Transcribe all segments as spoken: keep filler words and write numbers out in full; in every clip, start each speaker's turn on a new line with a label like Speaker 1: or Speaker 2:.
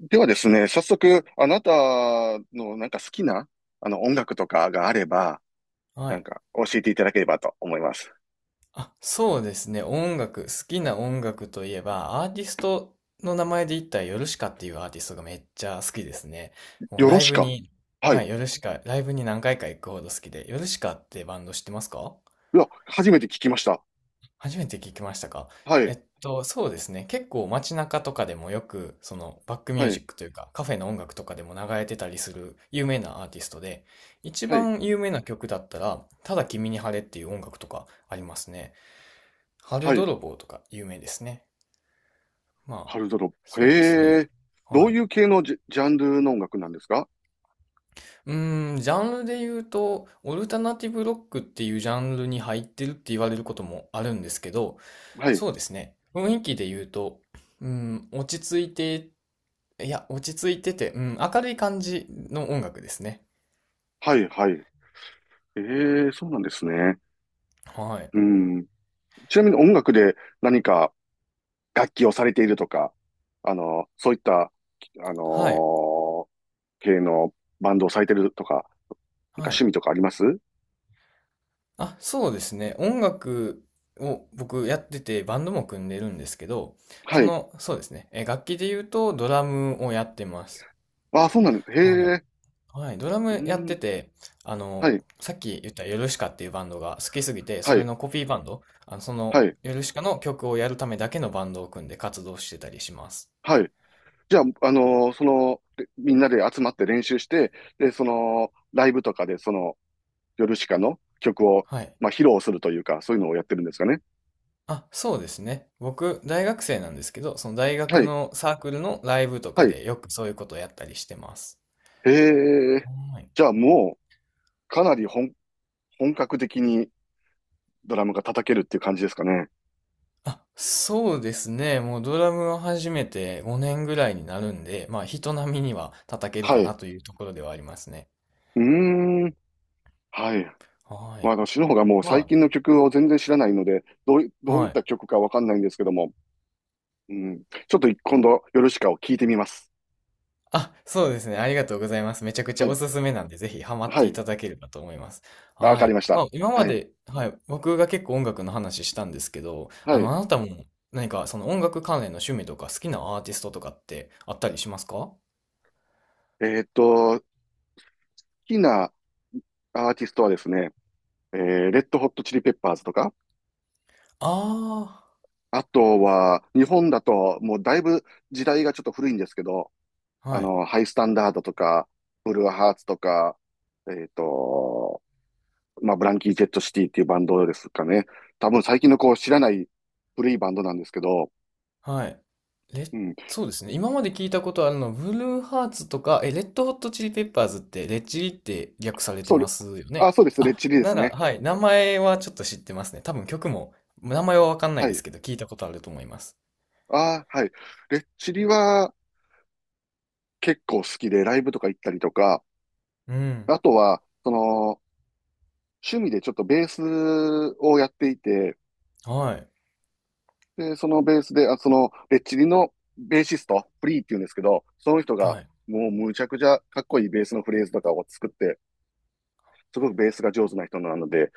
Speaker 1: ではですね、早速、あなたのなんか好きな、あの音楽とかがあれば、
Speaker 2: は
Speaker 1: なん
Speaker 2: い。
Speaker 1: か教えていただければと思います。
Speaker 2: あ、そうですね。音楽、好きな音楽といえば、アーティストの名前で言ったら、ヨルシカっていうアーティストがめっちゃ好きですね。もう
Speaker 1: よろ
Speaker 2: ライ
Speaker 1: し
Speaker 2: ブ
Speaker 1: か。
Speaker 2: に、
Speaker 1: はい。
Speaker 2: は
Speaker 1: い
Speaker 2: い、ヨルシカ、ライブに何回か行くほど好きで、ヨルシカってバンド知ってますか？
Speaker 1: や、初めて聞きました。
Speaker 2: 初めて聞きましたか？
Speaker 1: は
Speaker 2: え
Speaker 1: い。
Speaker 2: っと、そうですね。結構街中とかでもよく、そのバックミュ
Speaker 1: は
Speaker 2: ージ
Speaker 1: い。
Speaker 2: ックというか、カフェの音楽とかでも流れてたりする有名なアーティストで、一
Speaker 1: はい。
Speaker 2: 番有名な曲だったら、ただ君に晴れっていう音楽とかありますね。春
Speaker 1: はい。
Speaker 2: 泥棒とか有名ですね。まあ、
Speaker 1: ハルドロップ。
Speaker 2: そうです
Speaker 1: へ
Speaker 2: ね。
Speaker 1: え。ど
Speaker 2: は
Speaker 1: う
Speaker 2: い。
Speaker 1: いう系のジャ、ジャンルの音楽なんですか？
Speaker 2: うーん、ジャンルで言うと、オルタナティブロックっていうジャンルに入ってるって言われることもあるんですけど、
Speaker 1: はい。
Speaker 2: そうですね。雰囲気で言うと、うん、落ち着いて、いや、落ち着いてて、うん、明るい感じの音楽ですね。
Speaker 1: はい。はい。ええ、そうなんですね。
Speaker 2: はい。
Speaker 1: うん。ちなみに音楽で何か楽器をされているとか、あの、そういった、あ
Speaker 2: はい。
Speaker 1: の系のバンドをされてるとか、なんか
Speaker 2: は
Speaker 1: 趣
Speaker 2: い。
Speaker 1: 味とかあります？
Speaker 2: あ、そうですね。音楽を僕やっててバンドも組んでるんですけど、
Speaker 1: は
Speaker 2: そ
Speaker 1: い。
Speaker 2: の、そうですね。え、楽器で言うとドラムをやってます。
Speaker 1: ああ、そうなんです。
Speaker 2: は
Speaker 1: へ
Speaker 2: い。
Speaker 1: え。
Speaker 2: はい。ドラ
Speaker 1: うー
Speaker 2: ムやって
Speaker 1: ん。
Speaker 2: て、あ
Speaker 1: は
Speaker 2: の、
Speaker 1: い。
Speaker 2: さっき言ったヨルシカっていうバンドが好きすぎて、そ
Speaker 1: は
Speaker 2: れ
Speaker 1: い。
Speaker 2: のコピーバンド、あの、そ
Speaker 1: は
Speaker 2: の
Speaker 1: い。
Speaker 2: ヨルシカの曲をやるためだけのバンドを組んで活動してたりします。
Speaker 1: はい。じゃあ、あのーその、でみんなで集まって練習して、で、その、ライブとかで、その、ヨルシカの曲を、
Speaker 2: はい。
Speaker 1: まあ、披露するというか、そういうのをやってるんですかね。
Speaker 2: あ、そうですね。僕、大学生なんですけど、その大
Speaker 1: は
Speaker 2: 学
Speaker 1: い。
Speaker 2: のサークルのライブとか
Speaker 1: はい。
Speaker 2: でよくそういうことをやったりしてます。
Speaker 1: へえ。
Speaker 2: はい。
Speaker 1: じゃあ、もう、かなり本、本格的にドラムが叩けるっていう感じですかね。
Speaker 2: あ、そうですね。もうドラムを始めてごねんぐらいになるんで、まあ人並みには叩ける
Speaker 1: は
Speaker 2: か
Speaker 1: い。
Speaker 2: な
Speaker 1: う
Speaker 2: というところではありますね。
Speaker 1: ーん。はい。
Speaker 2: は
Speaker 1: まあ、
Speaker 2: い。
Speaker 1: 私の方がもう最
Speaker 2: ま
Speaker 1: 近の曲を全然知らないので、どうい、
Speaker 2: あ、
Speaker 1: どうい
Speaker 2: は
Speaker 1: っ
Speaker 2: い。
Speaker 1: た曲かわかんないんですけども、うん。ちょっと今度、ヨルシカを聞いてみます。
Speaker 2: あ、そうですね。ありがとうございます。めちゃくち
Speaker 1: は
Speaker 2: ゃお
Speaker 1: い。
Speaker 2: すすめなんで、ぜひハマっ
Speaker 1: は
Speaker 2: てい
Speaker 1: い。
Speaker 2: ただければと思います。
Speaker 1: わ
Speaker 2: は
Speaker 1: かり
Speaker 2: い。
Speaker 1: まし
Speaker 2: ま
Speaker 1: た。
Speaker 2: あ今ま
Speaker 1: はい。
Speaker 2: で、はい。僕が結構音楽の話したんですけど、
Speaker 1: は
Speaker 2: あ
Speaker 1: い。
Speaker 2: の、あなたも何かその音楽関連の趣味とか好きなアーティストとかってあったりしますか？
Speaker 1: えーっと、好きなアーティストはですね、えー、レッドホットチリペッパーズとか、
Speaker 2: あ
Speaker 1: あとは、日本だと、もうだいぶ時代がちょっと古いんですけど、
Speaker 2: あー、
Speaker 1: あ
Speaker 2: はい。
Speaker 1: の、ハイスタンダードとか、ブルーハーツとか、えーっと、まあ、ブランキー・ジェット・シティっていうバンドですかね。多分最近のこう知らない古いバンドなんですけど、
Speaker 2: はい。レッ、
Speaker 1: うん。
Speaker 2: そうですね。今まで聞いたことあるのは、ブルーハーツとか、え、レッドホットチリペッパーズって、レッチリって略されて
Speaker 1: そ
Speaker 2: ま
Speaker 1: う、
Speaker 2: すよ
Speaker 1: あ、
Speaker 2: ね。
Speaker 1: そうです。レッ
Speaker 2: あ、
Speaker 1: チリで
Speaker 2: な
Speaker 1: す
Speaker 2: ら、
Speaker 1: ね。
Speaker 2: はい。名前はちょっと知ってますね。多分曲も、名前はわかんない
Speaker 1: は
Speaker 2: です
Speaker 1: い。
Speaker 2: けど、聞いたことあると思います。
Speaker 1: あー、はい。レッチリは結構好きで、ライブとか行ったりとか、
Speaker 2: うん。
Speaker 1: あとは、その、趣味でちょっとベースをやっていて、
Speaker 2: はい。
Speaker 1: で、そのベースで、あ、その、レッチリのベーシスト、フリーっていうんですけど、その人が、
Speaker 2: はい。
Speaker 1: もうむちゃくちゃかっこいいベースのフレーズとかを作って、すごくベースが上手な人なので、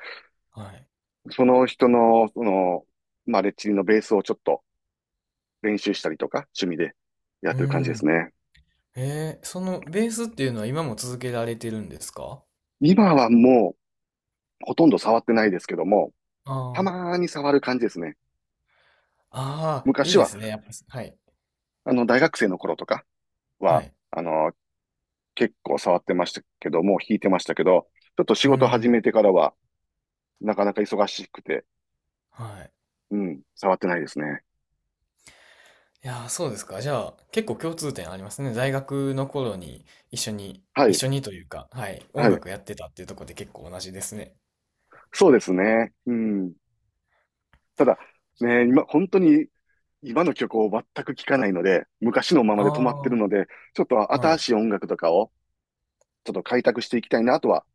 Speaker 2: はい。
Speaker 1: その人の、その、まあ、レッチリのベースをちょっと練習したりとか、趣味でやっ
Speaker 2: う
Speaker 1: てる感じです
Speaker 2: ん。
Speaker 1: ね。
Speaker 2: えー、そのベースっていうのは今も続けられてるんですか？
Speaker 1: 今はもう、ほとんど触ってないですけども、
Speaker 2: あ
Speaker 1: た
Speaker 2: あー。
Speaker 1: まーに触る感じですね。
Speaker 2: ああ、い
Speaker 1: 昔
Speaker 2: いで
Speaker 1: は、
Speaker 2: すね。やっぱ、はい。
Speaker 1: あの、大学生の頃とか
Speaker 2: は
Speaker 1: は、
Speaker 2: い。
Speaker 1: あの、結構触ってましたけども、弾いてましたけど、ちょっと仕
Speaker 2: う
Speaker 1: 事始
Speaker 2: ん。
Speaker 1: めてからは、なかなか忙しくて、
Speaker 2: はい。
Speaker 1: うん、触ってないですね。
Speaker 2: いやー、そうですか。じゃあ、結構共通点ありますね。大学の頃に一緒に、
Speaker 1: は
Speaker 2: 一
Speaker 1: い、
Speaker 2: 緒にというか、はい、音
Speaker 1: はい。
Speaker 2: 楽やってたっていうところで結構同じですね。
Speaker 1: そうですね。うん。ただ、ね、今、本当に今の曲を全く聴かないので、昔のままで止まってる
Speaker 2: あ
Speaker 1: の
Speaker 2: あ、
Speaker 1: で、ちょっと
Speaker 2: は
Speaker 1: 新
Speaker 2: い。
Speaker 1: しい音楽とかをちょっと開拓していきたいなとは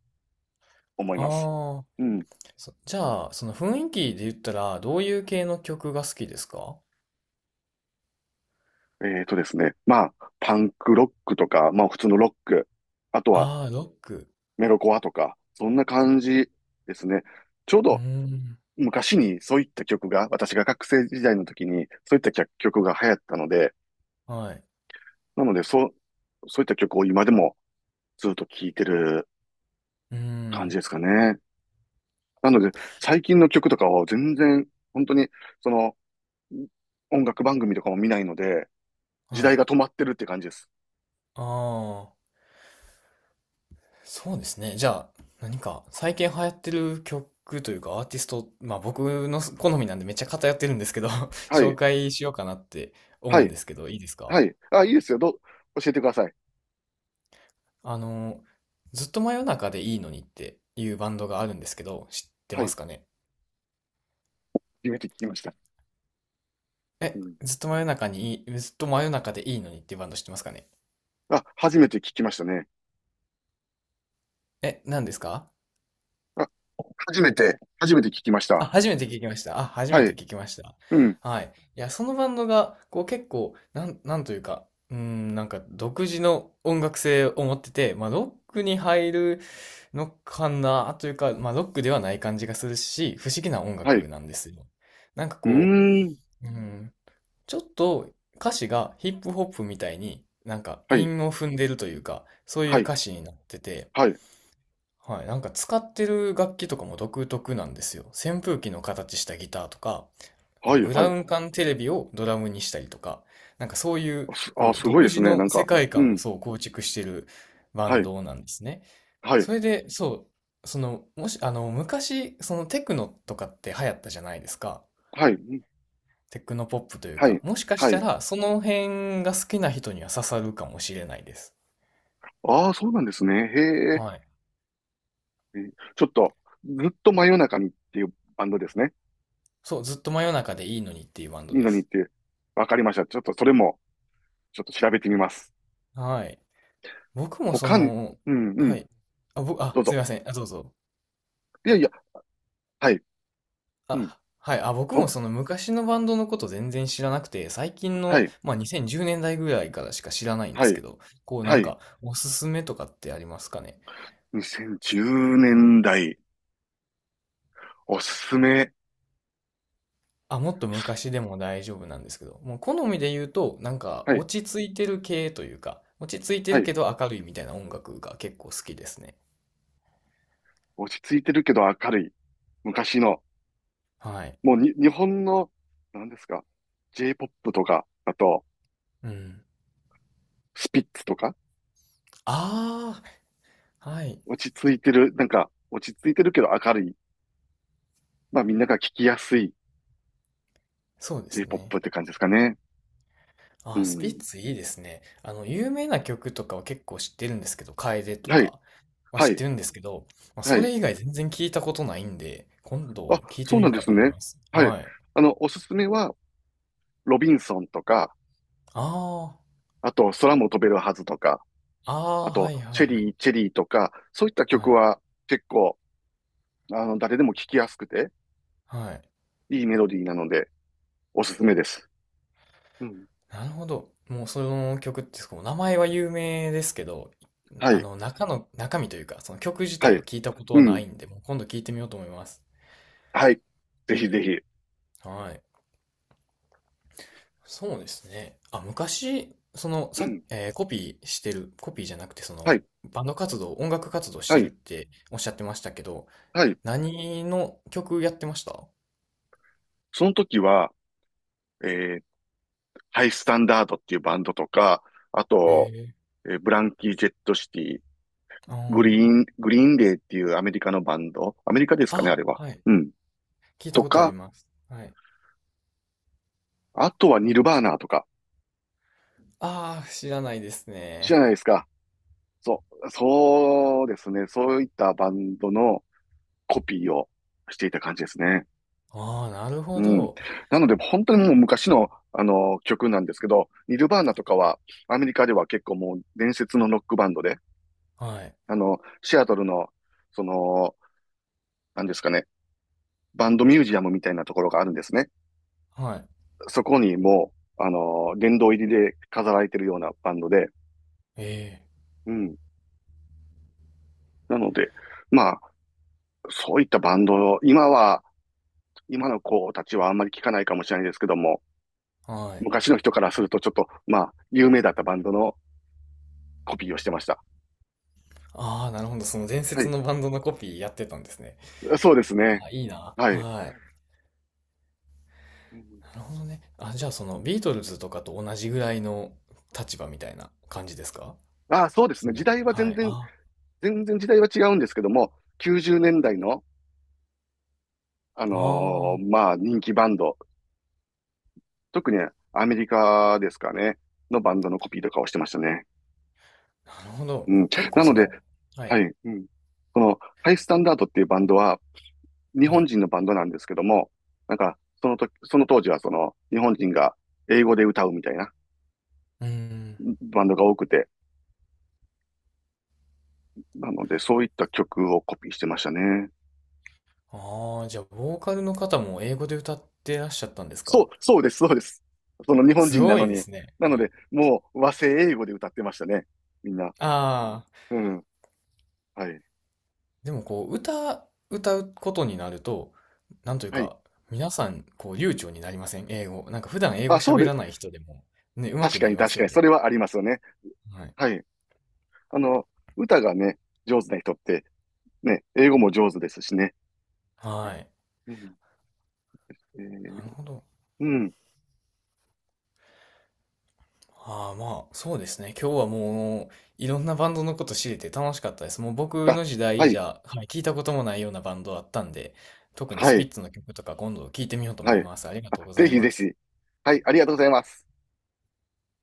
Speaker 1: 思います。
Speaker 2: ああ、
Speaker 1: うん。
Speaker 2: そじゃあ、その雰囲気で言ったら、どういう系の曲が好きですか？
Speaker 1: えーとですね。まあ、パンクロックとか、まあ普通のロック、あとは
Speaker 2: ああー、ロック。
Speaker 1: メロコアとか、そんな感じですね。ちょう
Speaker 2: うー
Speaker 1: ど
Speaker 2: ん、
Speaker 1: 昔にそういった曲が、私が学生時代の時にそういった曲曲が流行ったので、
Speaker 2: はい。
Speaker 1: なのでそう、そういった曲を今でもずっと聴いてる
Speaker 2: うー
Speaker 1: 感じ
Speaker 2: ん、
Speaker 1: ですかね。なので、最近の曲とかは全然、本当に、その、音楽番組とかも見ないので、時
Speaker 2: は
Speaker 1: 代
Speaker 2: い。
Speaker 1: が止まってるって感じです。
Speaker 2: ああ。そうですね。じゃあ、何か最近流行ってる曲というかアーティスト、まあ僕の好みなんでめっちゃ偏ってるんですけど
Speaker 1: は
Speaker 2: 紹
Speaker 1: い、
Speaker 2: 介しようかなって
Speaker 1: は
Speaker 2: 思うん
Speaker 1: い、
Speaker 2: ですけど、いいですか？
Speaker 1: はい。あ、いいですよ。どう、教えてください。
Speaker 2: あの、ずっと真夜中でいいのにっていうバンドがあるんですけど、知って
Speaker 1: は
Speaker 2: ま
Speaker 1: い。
Speaker 2: すかね？
Speaker 1: 初めて聞きました。う
Speaker 2: え、
Speaker 1: ん。
Speaker 2: ずっと真夜中にいい、ずっと真夜中でいいのにっていうバンド知ってますかね？
Speaker 1: あ、初めて聞きましたね。
Speaker 2: え、何ですか？
Speaker 1: あ、初めて、初めて聞きまし
Speaker 2: あ、
Speaker 1: た。
Speaker 2: 初めて聞きました。あ、初め
Speaker 1: は
Speaker 2: て
Speaker 1: い、
Speaker 2: 聞きました。
Speaker 1: うん、
Speaker 2: はい。いや、そのバンドが、こう結構、なん、なんというか、うーん、なんか独自の音楽性を持ってて、まあロックに入るのかなというか、まあロックではない感じがするし、不思議な音
Speaker 1: はい。
Speaker 2: 楽なんですよ。なんか
Speaker 1: う
Speaker 2: こ
Speaker 1: ーん、
Speaker 2: う、うん、ちょっと歌詞がヒップホップみたいになんか
Speaker 1: はい、
Speaker 2: 韻を踏んでるというか、そういう
Speaker 1: はい、
Speaker 2: 歌詞になってて、
Speaker 1: はい、
Speaker 2: はい、なんか使ってる楽器とかも独特なんですよ。扇風機の形したギターとか、あ
Speaker 1: は
Speaker 2: の、
Speaker 1: い、
Speaker 2: ブ
Speaker 1: は
Speaker 2: ラウ
Speaker 1: い。
Speaker 2: ン管テレビをドラムにしたりとか、なんかそういう、
Speaker 1: あ、す、あ、
Speaker 2: こう、
Speaker 1: すご
Speaker 2: 独
Speaker 1: いです
Speaker 2: 自
Speaker 1: ね。な
Speaker 2: の
Speaker 1: ん
Speaker 2: 世
Speaker 1: か、
Speaker 2: 界
Speaker 1: う
Speaker 2: 観を
Speaker 1: ん、
Speaker 2: そう構築してるバ
Speaker 1: は
Speaker 2: ン
Speaker 1: い、
Speaker 2: ドなんですね。
Speaker 1: はい、
Speaker 2: それで、そう、その、もし、あの、昔、そのテクノとかって流行ったじゃないですか。
Speaker 1: はい、うん
Speaker 2: テクノポップという
Speaker 1: は
Speaker 2: か、
Speaker 1: い、
Speaker 2: もしかし
Speaker 1: は
Speaker 2: た
Speaker 1: い。
Speaker 2: ら、その辺が好きな人には刺さるかもしれないです。
Speaker 1: ああ、そうなんですね。へえ。
Speaker 2: はい。
Speaker 1: えーちょっと、ずっと真夜中にっていうバンドですね。
Speaker 2: そう、ずっと真夜中でいいのにっていうバン
Speaker 1: い
Speaker 2: ド
Speaker 1: い
Speaker 2: で
Speaker 1: のにっ
Speaker 2: す。
Speaker 1: て。わかりました。ちょっとそれも、ちょっと調べてみます。
Speaker 2: はい。僕もそ
Speaker 1: 他に、
Speaker 2: の、
Speaker 1: うんう
Speaker 2: は
Speaker 1: ん、
Speaker 2: い。あ、僕、
Speaker 1: ど
Speaker 2: あ、
Speaker 1: う
Speaker 2: すい
Speaker 1: ぞ。
Speaker 2: ません。あ、どうぞ。
Speaker 1: いやいや、はい、うん、
Speaker 2: あ、はい。あ、僕も
Speaker 1: 僕、
Speaker 2: その昔のバンドのこと全然知らなくて、最近
Speaker 1: は
Speaker 2: の、
Speaker 1: い、
Speaker 2: まあ、にせんじゅうねんだいぐらいからしか知らないんで
Speaker 1: は
Speaker 2: すけ
Speaker 1: い、
Speaker 2: ど、こうな
Speaker 1: は
Speaker 2: ん
Speaker 1: い。
Speaker 2: かおすすめとかってありますかね。
Speaker 1: にせんじゅうねんだい、おすすめ。
Speaker 2: あ、もっと昔でも大丈夫なんですけど、もう好みで言うと、なんか
Speaker 1: はい、
Speaker 2: 落ち着いてる系というか、落ち着いて
Speaker 1: は
Speaker 2: る
Speaker 1: い。
Speaker 2: けど明るいみたいな音楽が結構好きですね。
Speaker 1: 落ち着いてるけど明るい。昔の、
Speaker 2: はい。
Speaker 1: もうに、日本の、何ですか、J-ポップ とか、あと、
Speaker 2: うん。
Speaker 1: スピッツとか、
Speaker 2: ああ、はい。
Speaker 1: 落ち着いてる、なんか、落ち着いてるけど明るい。まあみんなが聞きやすい
Speaker 2: そうですね。
Speaker 1: J-ポップ って感じですかね。う
Speaker 2: あ、スピッ
Speaker 1: ん。
Speaker 2: ツいいですね。あの、有名な曲とかは結構知ってるんですけど、楓と
Speaker 1: はい、
Speaker 2: かは
Speaker 1: は
Speaker 2: 知っ
Speaker 1: い、
Speaker 2: てるんですけど、まあ、
Speaker 1: は
Speaker 2: そ
Speaker 1: い。
Speaker 2: れ以外全然聞いたことないんで、今
Speaker 1: あ、
Speaker 2: 度聞いて
Speaker 1: そう
Speaker 2: み
Speaker 1: なん
Speaker 2: よう
Speaker 1: で
Speaker 2: か
Speaker 1: す
Speaker 2: と思い
Speaker 1: ね。
Speaker 2: ます。
Speaker 1: はい。
Speaker 2: はい。
Speaker 1: あの、おすすめは、ロビンソンとか、
Speaker 2: あ
Speaker 1: あと、空も飛べるはずとか、
Speaker 2: あ、ああ、
Speaker 1: あ
Speaker 2: は
Speaker 1: と、
Speaker 2: いは
Speaker 1: チ
Speaker 2: い
Speaker 1: ェ
Speaker 2: はい。
Speaker 1: リー、チェリーとか、そういった曲
Speaker 2: はい。
Speaker 1: は結構、あの、誰でも聴きやすくて、
Speaker 2: はい。
Speaker 1: いいメロディーなので、おすすめです。うん。
Speaker 2: なるほど。もうその曲って、こう名前は有名ですけど、
Speaker 1: は
Speaker 2: あ
Speaker 1: い、
Speaker 2: の、中の、中身というか、その曲自
Speaker 1: は
Speaker 2: 体を
Speaker 1: い。
Speaker 2: 聞いたこと
Speaker 1: う
Speaker 2: はない
Speaker 1: ん。
Speaker 2: んで、もう今度聞いてみようと思います。
Speaker 1: はい。ぜひぜひ。
Speaker 2: はい。そうですね。あ、昔、その、
Speaker 1: う
Speaker 2: さ、
Speaker 1: ん。
Speaker 2: えーコピーしてる、コピーじゃなくて、そ
Speaker 1: は
Speaker 2: の、
Speaker 1: い、
Speaker 2: バンド活動、音楽活動し
Speaker 1: は
Speaker 2: てるっ
Speaker 1: い、
Speaker 2: ておっしゃってましたけど、
Speaker 1: はい。
Speaker 2: 何の曲やってました
Speaker 1: その時は、えーハイスタンダードっていうバンドとか、あ
Speaker 2: え
Speaker 1: と、
Speaker 2: ー。
Speaker 1: えーブランキー・ジェット・シティ、
Speaker 2: あ
Speaker 1: グリ
Speaker 2: ー、
Speaker 1: ーン、グリーンデーっていうアメリカのバンド、アメリカですかね、あ
Speaker 2: あ、
Speaker 1: れは。
Speaker 2: はい。
Speaker 1: うん。
Speaker 2: 聞いた
Speaker 1: と
Speaker 2: ことあり
Speaker 1: か、
Speaker 2: ます。はい。
Speaker 1: あとはニルバーナーとか、
Speaker 2: ああ、知らないです
Speaker 1: 知らな
Speaker 2: ね。
Speaker 1: いですか。そう、そうですね。そういったバンドのコピーをしていた感じですね。
Speaker 2: ああ、なる
Speaker 1: う
Speaker 2: ほ
Speaker 1: ん。
Speaker 2: ど。
Speaker 1: なので、本当にもう昔の、あの、曲なんですけど、ニルバーナとかは、アメリカでは結構もう伝説のロックバンドで、
Speaker 2: はい。
Speaker 1: あの、シアトルの、その、なんですかね、バンドミュージアムみたいなところがあるんですね。
Speaker 2: はい。
Speaker 1: そこにもう、あの、殿堂入りで飾られてるようなバンドで、
Speaker 2: ええ、
Speaker 1: うん。なので、まあ、そういったバンドを、今は、今の子たちはあんまり聞かないかもしれないですけども、
Speaker 2: はい。
Speaker 1: 昔の人からするとちょっと、まあ、有名だったバンドのコピーをしてました。
Speaker 2: ああ、なるほど。その伝
Speaker 1: は
Speaker 2: 説
Speaker 1: い。
Speaker 2: のバンドのコピーやってたんですね。
Speaker 1: そうですね。
Speaker 2: あ、いいな。
Speaker 1: はい。
Speaker 2: はい。
Speaker 1: うん
Speaker 2: なるほどね。あ、じゃあそのビートルズとかと同じぐらいの立場みたいな感じですか？
Speaker 1: ああ、そうです
Speaker 2: そ
Speaker 1: ね。時
Speaker 2: の、
Speaker 1: 代は
Speaker 2: は
Speaker 1: 全
Speaker 2: い。
Speaker 1: 然、
Speaker 2: あ、
Speaker 1: 全然時代は違うんですけども、きゅうじゅうねんだいの、あの
Speaker 2: ああ、
Speaker 1: ーまあ、人気バンド、特にアメリカですかね、のバンドのコピーとかをしてましたね。
Speaker 2: なるほど。
Speaker 1: うん。
Speaker 2: 結構
Speaker 1: なの
Speaker 2: そ
Speaker 1: で、
Speaker 2: の、は
Speaker 1: は
Speaker 2: い、
Speaker 1: い。うん。この、ハイスタンダードっていうバンドは、日
Speaker 2: は
Speaker 1: 本
Speaker 2: い。
Speaker 1: 人のバンドなんですけども、なんか、その時、その当時はその、日本人が英語で歌うみたいな
Speaker 2: うーん。
Speaker 1: バンドが多くて、なので、そういった曲をコピーしてましたね。
Speaker 2: ああ、じゃあボーカルの方も英語で歌ってらっしゃったんです
Speaker 1: そ
Speaker 2: か？
Speaker 1: う、そうです、そうです。その日本
Speaker 2: す
Speaker 1: 人な
Speaker 2: ご
Speaker 1: の
Speaker 2: いで
Speaker 1: に。
Speaker 2: すね。
Speaker 1: なの
Speaker 2: はい。
Speaker 1: で、もう和製英語で歌ってましたね。みんな。
Speaker 2: ああ、
Speaker 1: うん。はい。
Speaker 2: でもこう、歌、歌うことになると、なんという
Speaker 1: はい。
Speaker 2: か、皆さん、こう、流暢になりません英語。なんか普段英語
Speaker 1: あ、そう
Speaker 2: 喋
Speaker 1: で、
Speaker 2: らない人でも、ね、上手
Speaker 1: 確
Speaker 2: く
Speaker 1: か
Speaker 2: なり
Speaker 1: に
Speaker 2: ま
Speaker 1: 確
Speaker 2: す
Speaker 1: か
Speaker 2: よ
Speaker 1: に、
Speaker 2: ね。
Speaker 1: それはありますよね。
Speaker 2: はい。
Speaker 1: はい。あの、歌がね、上手な人って、ね、英語も上手ですしね。
Speaker 2: はい。
Speaker 1: うん。えー、
Speaker 2: なるほど。
Speaker 1: うん。
Speaker 2: ああ、まあ、そうですね。今日はもう、いろんなバンドのこと知れて楽しかったです。もう僕
Speaker 1: あ、
Speaker 2: の時
Speaker 1: は
Speaker 2: 代じ
Speaker 1: い、
Speaker 2: ゃ、はい聞いたこともないようなバンドだったんで、特に
Speaker 1: は
Speaker 2: スピ
Speaker 1: い、
Speaker 2: ッツの曲とか今度聞いてみようと思
Speaker 1: は
Speaker 2: い
Speaker 1: い。
Speaker 2: ます。ありが
Speaker 1: あ、
Speaker 2: とうござ
Speaker 1: ぜ
Speaker 2: い
Speaker 1: ひぜ
Speaker 2: ます。
Speaker 1: ひ。はい、ありがとうございます。